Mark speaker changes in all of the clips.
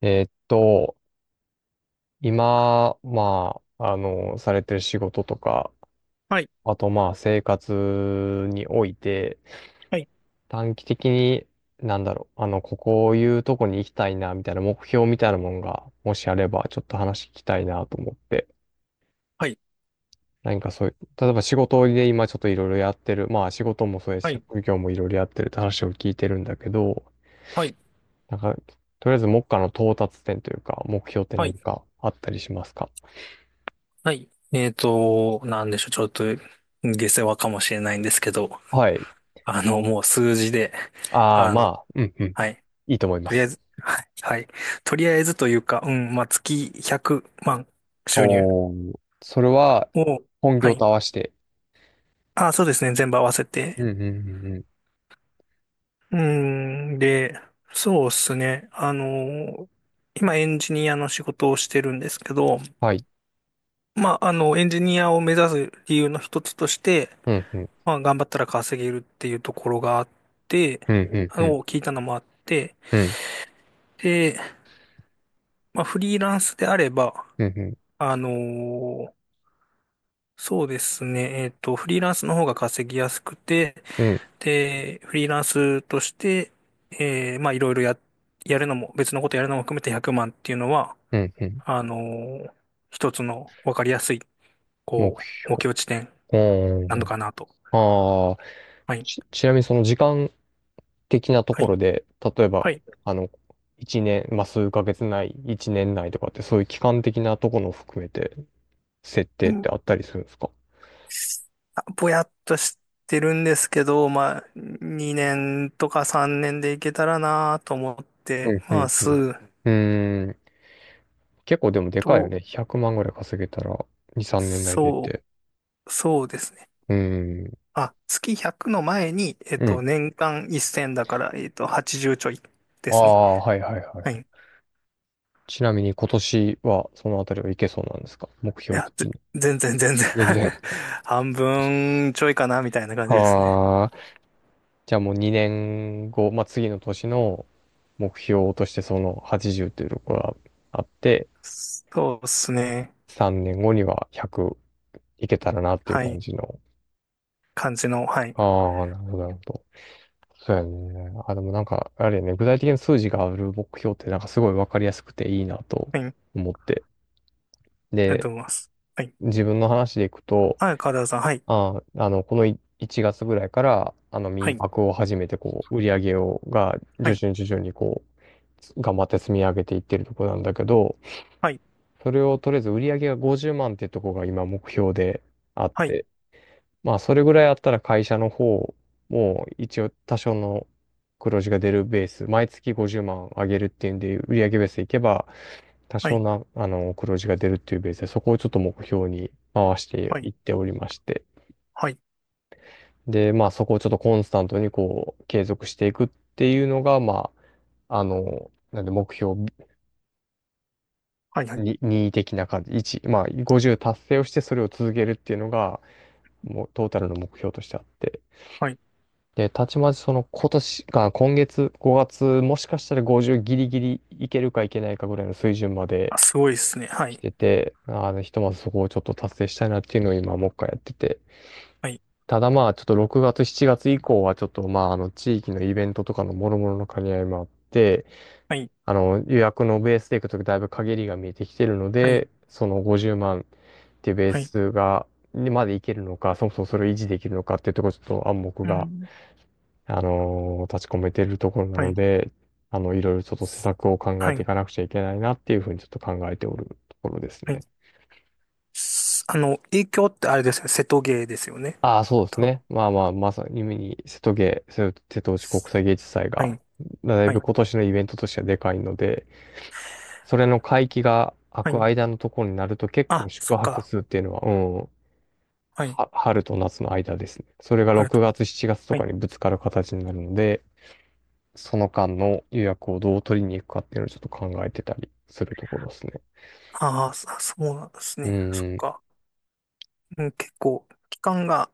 Speaker 1: えーっと、今、まあ、されてる仕事とか、
Speaker 2: はい、
Speaker 1: あとまあ、生活において、
Speaker 2: はい、
Speaker 1: 短期的に、なんだろう、ここいうとこに行きたいな、みたいな目標みたいなもんが、もしあれば、ちょっと話聞きたいなと思って、
Speaker 2: はい、
Speaker 1: 何かそういう、例えば仕事で今ちょっといろいろやってる、まあ、仕事もそうやし、
Speaker 2: はい、
Speaker 1: 職業もいろいろやってるって話を聞いてるんだけど、
Speaker 2: はい、
Speaker 1: なんか、とりあえず目下の到達点というか、目標って
Speaker 2: は
Speaker 1: 何
Speaker 2: い。
Speaker 1: かあったりしますか？
Speaker 2: はい。なんでしょう、ちょっと下世話かもしれないんですけど、
Speaker 1: はい。
Speaker 2: もう数字で、
Speaker 1: ああ、
Speaker 2: あ
Speaker 1: ま
Speaker 2: の、
Speaker 1: あ、うんうん。
Speaker 2: はい、
Speaker 1: いいと思いま
Speaker 2: とりあえ
Speaker 1: す。
Speaker 2: ず、はい、はい、とりあえずというか、うん、まあ、月100万収入
Speaker 1: おー、それは
Speaker 2: を、
Speaker 1: 本
Speaker 2: は
Speaker 1: 業と
Speaker 2: い、
Speaker 1: 合わせて。
Speaker 2: あ、そうですね、全部合わせ
Speaker 1: う
Speaker 2: て。
Speaker 1: んうんうんうん。
Speaker 2: うん、で、そうですね、今エンジニアの仕事をしてるんですけど、
Speaker 1: はい。
Speaker 2: まあ、エンジニアを目指す理由の一つとして、
Speaker 1: うんうん。
Speaker 2: まあ、頑張ったら稼げるっていうところがあって、
Speaker 1: うんうんうん。
Speaker 2: 聞いたのもあって、
Speaker 1: うん
Speaker 2: で、まあ、フリーランスであれば、
Speaker 1: うんうん。
Speaker 2: あのーそうですね、フリーランスの方が稼ぎやすくて、で、フリーランスとして、まあ、いろいろや、やるのも、別のことやるのも含めて100万っていうのは、
Speaker 1: うんうん。
Speaker 2: あのー一つの分かりやすい、
Speaker 1: 目
Speaker 2: こう、
Speaker 1: 標。
Speaker 2: 目標地点
Speaker 1: う
Speaker 2: な
Speaker 1: ー
Speaker 2: の
Speaker 1: ん。
Speaker 2: かなと。
Speaker 1: ああ、
Speaker 2: はい。
Speaker 1: ちなみにその時間的なと
Speaker 2: は
Speaker 1: こ
Speaker 2: い。
Speaker 1: ろで、例えば、
Speaker 2: はい。
Speaker 1: あの、一年、まあ、数ヶ月内、一年内とかって、そういう期間的なところを含めて、設定ってあったりするんですか？
Speaker 2: ぼやっとしてるんですけど、まあ、2年とか3年でいけたらなと思っ
Speaker 1: う
Speaker 2: て
Speaker 1: んうん
Speaker 2: ま
Speaker 1: うん。う
Speaker 2: す。
Speaker 1: ん。結構でもでかいよ
Speaker 2: と、
Speaker 1: ね。100万ぐらい稼げたら、2、3年内でっ
Speaker 2: そ
Speaker 1: て。
Speaker 2: そうですね。
Speaker 1: うん。
Speaker 2: あ、月100の前に、
Speaker 1: うん。
Speaker 2: 年間1000だから、80ちじゅうちょいで
Speaker 1: あ
Speaker 2: すね。
Speaker 1: あ、はいはいはい
Speaker 2: は
Speaker 1: は
Speaker 2: い。い
Speaker 1: い。ちなみに今年はそのあたりはいけそうなんですか目標
Speaker 2: や、ぜ
Speaker 1: 的に？
Speaker 2: 全然全然
Speaker 1: 全然。
Speaker 2: 半分ちょいかな、みたいな感じですね。
Speaker 1: ああ。じゃあもう2年後、まあ、次の年の目標としてその80というところがあって、
Speaker 2: そうですね。
Speaker 1: 3年後には100いけたらなっていう
Speaker 2: は
Speaker 1: 感
Speaker 2: い。
Speaker 1: じの。
Speaker 2: 感じの、はい。
Speaker 1: ああ、なるほど、なるほど。そうやね。あ、でもなんか、あれやね、具体的な数字がある目標ってなんかすごいわかりやすくていいなと
Speaker 2: はい。あり
Speaker 1: 思って。
Speaker 2: が
Speaker 1: で、
Speaker 2: とうございます。はい。
Speaker 1: 自分の話でいくと、
Speaker 2: はい、川田さん、はい。
Speaker 1: この1月ぐらいから、
Speaker 2: は
Speaker 1: 民
Speaker 2: い。
Speaker 1: 泊を始めて、こう、売り上げを、が、
Speaker 2: は
Speaker 1: 徐
Speaker 2: い
Speaker 1: 々に徐々にこう、頑張って積み上げていってるとこなんだけど、
Speaker 2: はい、
Speaker 1: それをとりあえず売り上げが50万ってとこが今目標であっ
Speaker 2: はい、
Speaker 1: て、まあ、それぐらいあったら会社の方も一応多少の黒字が出るベース、毎月50万上げるっていうんで、売上ベースでいけば多
Speaker 2: は
Speaker 1: 少
Speaker 2: い、
Speaker 1: な、黒字が出るっていうベースで、そこをちょっと目標に回して
Speaker 2: は
Speaker 1: い
Speaker 2: い、
Speaker 1: っておりまして。
Speaker 2: はい、
Speaker 1: で、まあ、そこをちょっとコンスタントにこう、継続していくっていうのが、まあ、なんで目標
Speaker 2: はい、はい、
Speaker 1: に2的な感じ、1、まあ、50達成をしてそれを続けるっていうのが、もうトータルの目標としてあって。
Speaker 2: はい。
Speaker 1: で、たちまちその今年が、今月、5月、もしかしたら50ギリギリいけるかいけないかぐらいの水準まで
Speaker 2: あ、すごいですね。は
Speaker 1: 来
Speaker 2: い、
Speaker 1: てて、ひとまずそこをちょっと達成したいなっていうのを今もう一回やってて。
Speaker 2: はい、
Speaker 1: ただまあ、ちょっと6月、7月以降はちょっとまあ、地域のイベントとかの諸々の兼ね合いもあって、
Speaker 2: はい、
Speaker 1: 予約のベースでいくとだいぶ限りが見えてきてるの
Speaker 2: はい、
Speaker 1: で、その50万っていうベー
Speaker 2: はい、
Speaker 1: スが、にまでいけるのか、そもそもそれを維持できるのかっていうところちょっと暗黙
Speaker 2: う
Speaker 1: が
Speaker 2: ん、
Speaker 1: 立ち込めてるところな
Speaker 2: は
Speaker 1: の
Speaker 2: い、
Speaker 1: で、いろいろちょっと施策を考え
Speaker 2: は
Speaker 1: てい
Speaker 2: い、
Speaker 1: かなくちゃいけないなっていうふうにちょっと考えておるところです
Speaker 2: はい。
Speaker 1: ね。
Speaker 2: すあの、影響ってあれですね。瀬戸芸ですよね。
Speaker 1: ああ、そうです
Speaker 2: 多分。
Speaker 1: ね。まあまあ、まさに夢に瀬戸芸、瀬戸内国際芸術祭
Speaker 2: は
Speaker 1: が、
Speaker 2: い、
Speaker 1: だい
Speaker 2: は
Speaker 1: ぶ
Speaker 2: い、
Speaker 1: 今年のイベントとしてはでかいので、それの会期が空
Speaker 2: は
Speaker 1: く
Speaker 2: い。
Speaker 1: 間のところになると結
Speaker 2: あ、
Speaker 1: 構
Speaker 2: そ
Speaker 1: 宿
Speaker 2: っ
Speaker 1: 泊
Speaker 2: か。
Speaker 1: 数っていうのは、うん、
Speaker 2: はい、
Speaker 1: は春と夏の間ですね。それが
Speaker 2: ある
Speaker 1: 6
Speaker 2: と思う。
Speaker 1: 月、7月と
Speaker 2: は
Speaker 1: か
Speaker 2: い。
Speaker 1: にぶつかる形になるので、その間の予約をどう取りに行くかっていうのをちょっと考えてたりするところですね。
Speaker 2: ああ、そうなんです
Speaker 1: う
Speaker 2: ね。そっ
Speaker 1: ん。
Speaker 2: か。うん、結構、期間が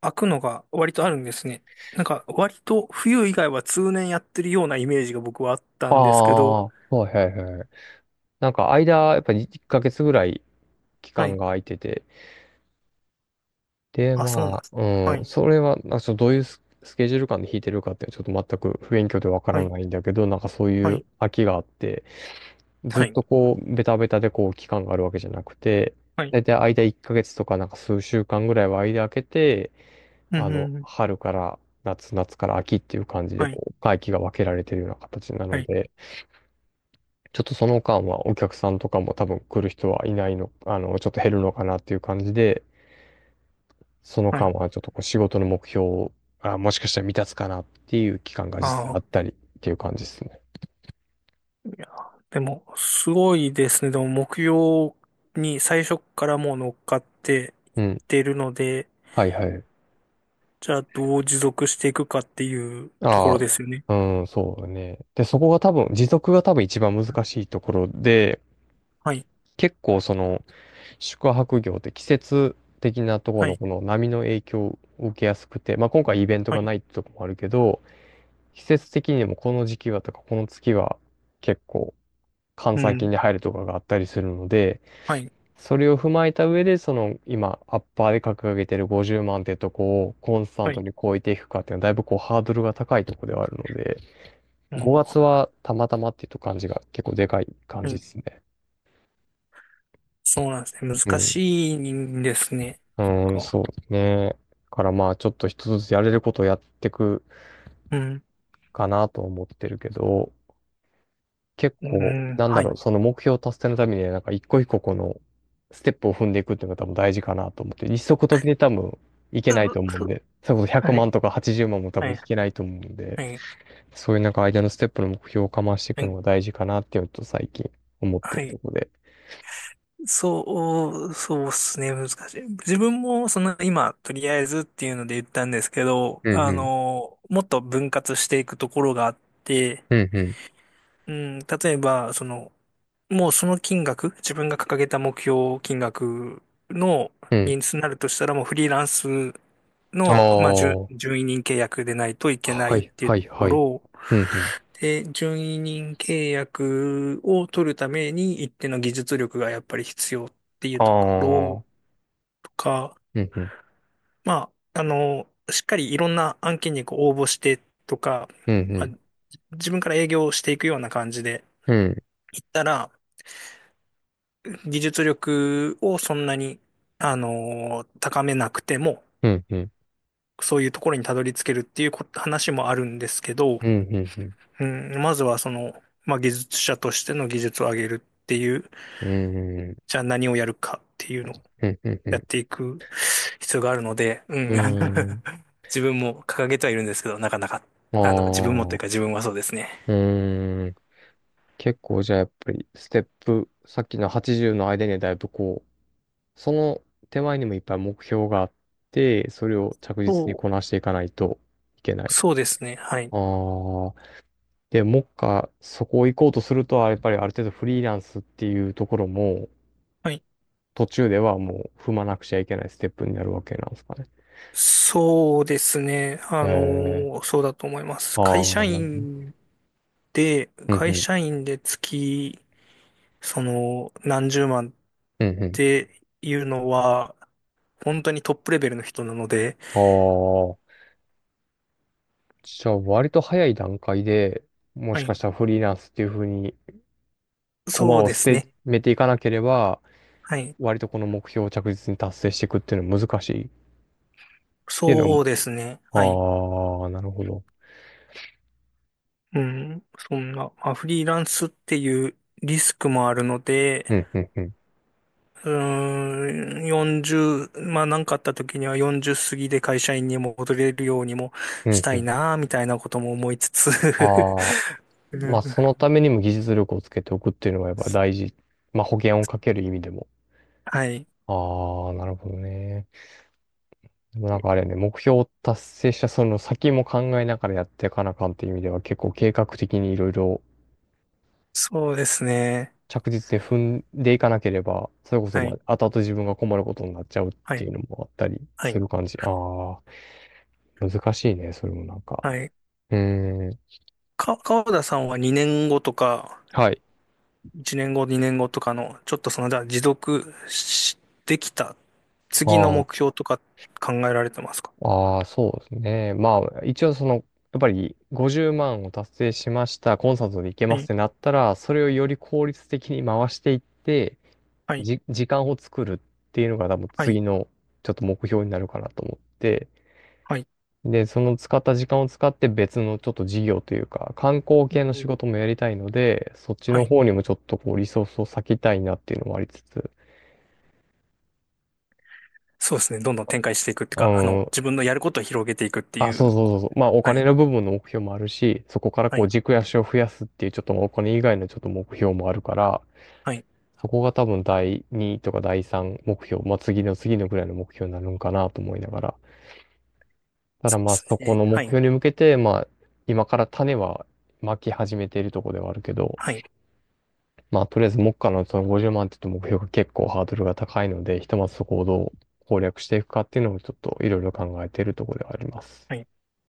Speaker 2: 空くのが割とあるんですね。なんか、割と冬以外は通年やってるようなイメージが僕はあった
Speaker 1: あ
Speaker 2: んですけ
Speaker 1: あ、
Speaker 2: ど、
Speaker 1: はいはいはい。なんか間、やっぱり1ヶ月ぐらい期
Speaker 2: は
Speaker 1: 間
Speaker 2: い。
Speaker 1: が空いてて、で、
Speaker 2: あ、そうなん
Speaker 1: ま
Speaker 2: です。
Speaker 1: あ、
Speaker 2: は
Speaker 1: うん、
Speaker 2: い、
Speaker 1: それは、なんかちょっとどういうスケジュール感で弾いてるかってちょっと全く不勉強でわか
Speaker 2: は
Speaker 1: ら
Speaker 2: い、
Speaker 1: ないんだけど、なんかそうい
Speaker 2: は
Speaker 1: う
Speaker 2: い、
Speaker 1: 空きがあって、ず
Speaker 2: は
Speaker 1: っ
Speaker 2: い、
Speaker 1: とこう、ベタベタでこう、期間があるわけじゃなくて、
Speaker 2: はい、
Speaker 1: 大体間1ヶ月とかなんか数週間ぐらいは間空けて、
Speaker 2: うん、うん、うん
Speaker 1: 春から夏、夏から秋っていう感じで、
Speaker 2: はい、
Speaker 1: こう、会期が分けられてるような形な
Speaker 2: は
Speaker 1: の
Speaker 2: い、
Speaker 1: で、ちょっとその間はお客さんとかも多分来る人はいないの、ちょっと減るのかなっていう感じで、その
Speaker 2: は
Speaker 1: 間
Speaker 2: い。
Speaker 1: はちょっとこう仕事の目標を、あ、もしかしたら未達かなっていう期間が
Speaker 2: あ
Speaker 1: 実際あっ
Speaker 2: あ、
Speaker 1: たりっていう感じですね。
Speaker 2: いや、でも、すごいですね。でも、目標に最初からもう乗っかっていっ
Speaker 1: うん。
Speaker 2: てるので、
Speaker 1: はいはい。
Speaker 2: じゃあ、どう持続していくかっていうとこ
Speaker 1: あ
Speaker 2: ろですよね。
Speaker 1: あ、うん、そうだね。で、そこが多分、持続が多分一番難しいところで、
Speaker 2: はい、
Speaker 1: 結構その、宿泊業って季節的なところ
Speaker 2: は
Speaker 1: の
Speaker 2: い、
Speaker 1: この波の影響を受けやすくて、まあ、今回イベント
Speaker 2: は
Speaker 1: が
Speaker 2: い、
Speaker 1: ないってとこもあるけど、季節的にもこの時期はとかこの月は結構閑
Speaker 2: う
Speaker 1: 散期
Speaker 2: ん、
Speaker 1: に入るとかがあったりするので、
Speaker 2: はい、
Speaker 1: それを踏まえた上で、その今アッパーで掲げてる50万ってとこをコンスタン
Speaker 2: は
Speaker 1: ト
Speaker 2: い、
Speaker 1: に超えていくかっていうのはだいぶこうハードルが高いところではあるので、5
Speaker 2: も
Speaker 1: 月はたまたまっていうと感じが結構でかい感
Speaker 2: う、う
Speaker 1: じで
Speaker 2: ん、
Speaker 1: すね。
Speaker 2: そうなんですね。
Speaker 1: う
Speaker 2: 難
Speaker 1: ん。
Speaker 2: しいんですね。そ
Speaker 1: うん、
Speaker 2: っか。
Speaker 1: そうね。だからまあちょっと一つずつやれることをやっていく
Speaker 2: うん、
Speaker 1: かなと思ってるけど、結
Speaker 2: う
Speaker 1: 構、
Speaker 2: ん、
Speaker 1: なんだ
Speaker 2: はい。
Speaker 1: ろう、
Speaker 2: う
Speaker 1: その目標達成のためにはなんか一個一個このステップを踏んでいくっていうのが多分大事かなと思って、一足飛びで多分いけ
Speaker 2: う
Speaker 1: ないと
Speaker 2: う
Speaker 1: 思うんで、それこそ100
Speaker 2: はい、
Speaker 1: 万とか80万も多
Speaker 2: は
Speaker 1: 分い
Speaker 2: い、
Speaker 1: けないと思うんで、
Speaker 2: はい、
Speaker 1: そういうなんか間のステップの目標をかましてい
Speaker 2: は
Speaker 1: くの
Speaker 2: い。
Speaker 1: が大事かなっていうのと最近思って
Speaker 2: は
Speaker 1: ると
Speaker 2: い。
Speaker 1: ころで。
Speaker 2: そうっすね、難しい。自分も、その、今、とりあえずっていうので言ったんですけど、
Speaker 1: うんうん。
Speaker 2: もっと分割していくところがあって、
Speaker 1: うんうん。
Speaker 2: うん、例えば、その、もうその金額、自分が掲げた目標金額の
Speaker 1: うん。
Speaker 2: 人数になるとしたら、もうフリーランス
Speaker 1: あ
Speaker 2: の、まあ、準、
Speaker 1: あ。
Speaker 2: 準委任契約でないといけな
Speaker 1: は
Speaker 2: いっ
Speaker 1: い
Speaker 2: ていう
Speaker 1: は
Speaker 2: と
Speaker 1: い
Speaker 2: こ
Speaker 1: はい。
Speaker 2: ろ
Speaker 1: うんうん。
Speaker 2: で、準委任契約を取るために一定の技術力がやっぱり必要っていう
Speaker 1: あ
Speaker 2: ところ
Speaker 1: あ。
Speaker 2: か、
Speaker 1: うん、うん、
Speaker 2: まあ、しっかりいろんな案件にこう応募してとか、
Speaker 1: う
Speaker 2: まあ、
Speaker 1: ん、
Speaker 2: 自分から営業をしていくような感じで
Speaker 1: うん、
Speaker 2: いったら、技術力をそんなに、高めなくても、
Speaker 1: うん、うん、うん、
Speaker 2: そういうところにたどり着けるっていう話もあるんですけど、
Speaker 1: うん、うん、うん、
Speaker 2: うん、まずはその、まあ、技術者としての技術を上げるっていう、
Speaker 1: うん、うん、
Speaker 2: じゃあ何をやるかっていうのやっていく必要があるので、うん。
Speaker 1: うん、うん
Speaker 2: 自分も掲げてはいるんですけど、なかなか、
Speaker 1: あ
Speaker 2: 自分もというか
Speaker 1: あ、
Speaker 2: 自分はそうですね。
Speaker 1: うん。結構じゃあやっぱり、ステップ、さっきの80の間にはだいぶこう、その手前にもいっぱい目標があって、それを着実に
Speaker 2: そ
Speaker 1: こなしていかないといけな
Speaker 2: う、
Speaker 1: い。
Speaker 2: そうですね。はい。
Speaker 1: ああ、で、もっか、そこを行こうとすると、やっぱりある程度フリーランスっていうところも、
Speaker 2: はい。
Speaker 1: 途中ではもう踏まなくちゃいけないステップになるわけなんですかね？
Speaker 2: そうですね。
Speaker 1: え
Speaker 2: そうだと思いま
Speaker 1: あ
Speaker 2: す。
Speaker 1: あ、
Speaker 2: 会社
Speaker 1: なるほど。
Speaker 2: 員で、
Speaker 1: うんう
Speaker 2: 会
Speaker 1: ん。
Speaker 2: 社員で月、その、何十万っ
Speaker 1: うんう
Speaker 2: ていうのは、本当にトップレベルの人なので、
Speaker 1: ん。ああ。じゃあ、割と早い段階で、も
Speaker 2: は
Speaker 1: しか
Speaker 2: い。
Speaker 1: したらフリーランスっていうふうに、駒
Speaker 2: そう
Speaker 1: を
Speaker 2: で
Speaker 1: 捨
Speaker 2: す
Speaker 1: て、
Speaker 2: ね。
Speaker 1: めていかなければ、
Speaker 2: はい。
Speaker 1: 割とこの目標を着実に達成していくっていうのは難しいっていうの
Speaker 2: そう
Speaker 1: も。
Speaker 2: ですね。はい。
Speaker 1: ああ、なるほど。
Speaker 2: うん、そんな、まあ、フリーランスっていうリスクもあるので、
Speaker 1: うんうんうん。
Speaker 2: うーん、40、まあ何かあった時には40過ぎで会社員にも戻れるようにも
Speaker 1: う
Speaker 2: し
Speaker 1: ん
Speaker 2: た
Speaker 1: う
Speaker 2: い
Speaker 1: ん。
Speaker 2: な、みたいなことも思いつつ。
Speaker 1: ああ。
Speaker 2: う
Speaker 1: ま
Speaker 2: ん。
Speaker 1: あ、そのためにも技術力をつけておくっていうのがやっぱ大事。まあ、保険をかける意味でも。
Speaker 2: はい。
Speaker 1: ああ、なるほどね。でもなんかあれね、目標を達成したその先も考えながらやっていかなあかんっていう意味では結構計画的にいろいろ
Speaker 2: そうですね。
Speaker 1: 着実に踏んでいかなければ、それこそ
Speaker 2: は
Speaker 1: ま
Speaker 2: い。
Speaker 1: あ後々自分が困ることになっちゃうっ
Speaker 2: は
Speaker 1: てい
Speaker 2: い。
Speaker 1: うのもあったり
Speaker 2: は
Speaker 1: す
Speaker 2: い。
Speaker 1: る感じ。ああ、難しいね、それもなんか。
Speaker 2: はい。
Speaker 1: うーん。
Speaker 2: 川田さんは2年後とか、
Speaker 1: はい。
Speaker 2: 1年後、2年後とかの、ちょっとその、じゃあ持続し、できた次の
Speaker 1: あー
Speaker 2: 目標とか考えられてますか？
Speaker 1: そうですね。まあ、一応その、やっぱり50万を達成しました、コンサートで行け
Speaker 2: は
Speaker 1: ますっ
Speaker 2: い、
Speaker 1: てなったら、それをより効率的に回していって、
Speaker 2: はい、
Speaker 1: 時間を作るっていうのが多分
Speaker 2: はい、
Speaker 1: 次のちょっと目標になるかなと思って、
Speaker 2: はい。
Speaker 1: で、その使った時間を使って別のちょっと事業というか、観光
Speaker 2: う
Speaker 1: 系の
Speaker 2: んう
Speaker 1: 仕
Speaker 2: ん
Speaker 1: 事もやりたいので、そっち
Speaker 2: は
Speaker 1: の
Speaker 2: い。
Speaker 1: 方にもちょっとこうリソースを割きたいなっていうのもありつつ、
Speaker 2: そうですね。どんどん展開していくっていう
Speaker 1: う
Speaker 2: か、
Speaker 1: ん、
Speaker 2: 自分のやることを広げていくって
Speaker 1: あ、
Speaker 2: い
Speaker 1: そう
Speaker 2: う。
Speaker 1: そうそうそう、まあお
Speaker 2: は
Speaker 1: 金
Speaker 2: い、
Speaker 1: の部分の目標もあるし、そこから
Speaker 2: は
Speaker 1: こう
Speaker 2: い、
Speaker 1: 軸足を増やすっていうちょっとお金以外のちょっと目標もあるから、
Speaker 2: はい。
Speaker 1: そこが多分第2とか第3目標、まあ次の次のぐらいの目標になるんかなと思いながら。ただ
Speaker 2: そう
Speaker 1: まあそこ
Speaker 2: ですね。
Speaker 1: の
Speaker 2: は
Speaker 1: 目
Speaker 2: い、
Speaker 1: 標に向けて、まあ今から種はまき始めているところではあるけど、
Speaker 2: はい、
Speaker 1: まあとりあえず目下のその50万って言うと目標が結構ハードルが高いので、ひとまずそこをどう攻略していくかっていうのをちょっといろいろ考えているところではあります。
Speaker 2: はい。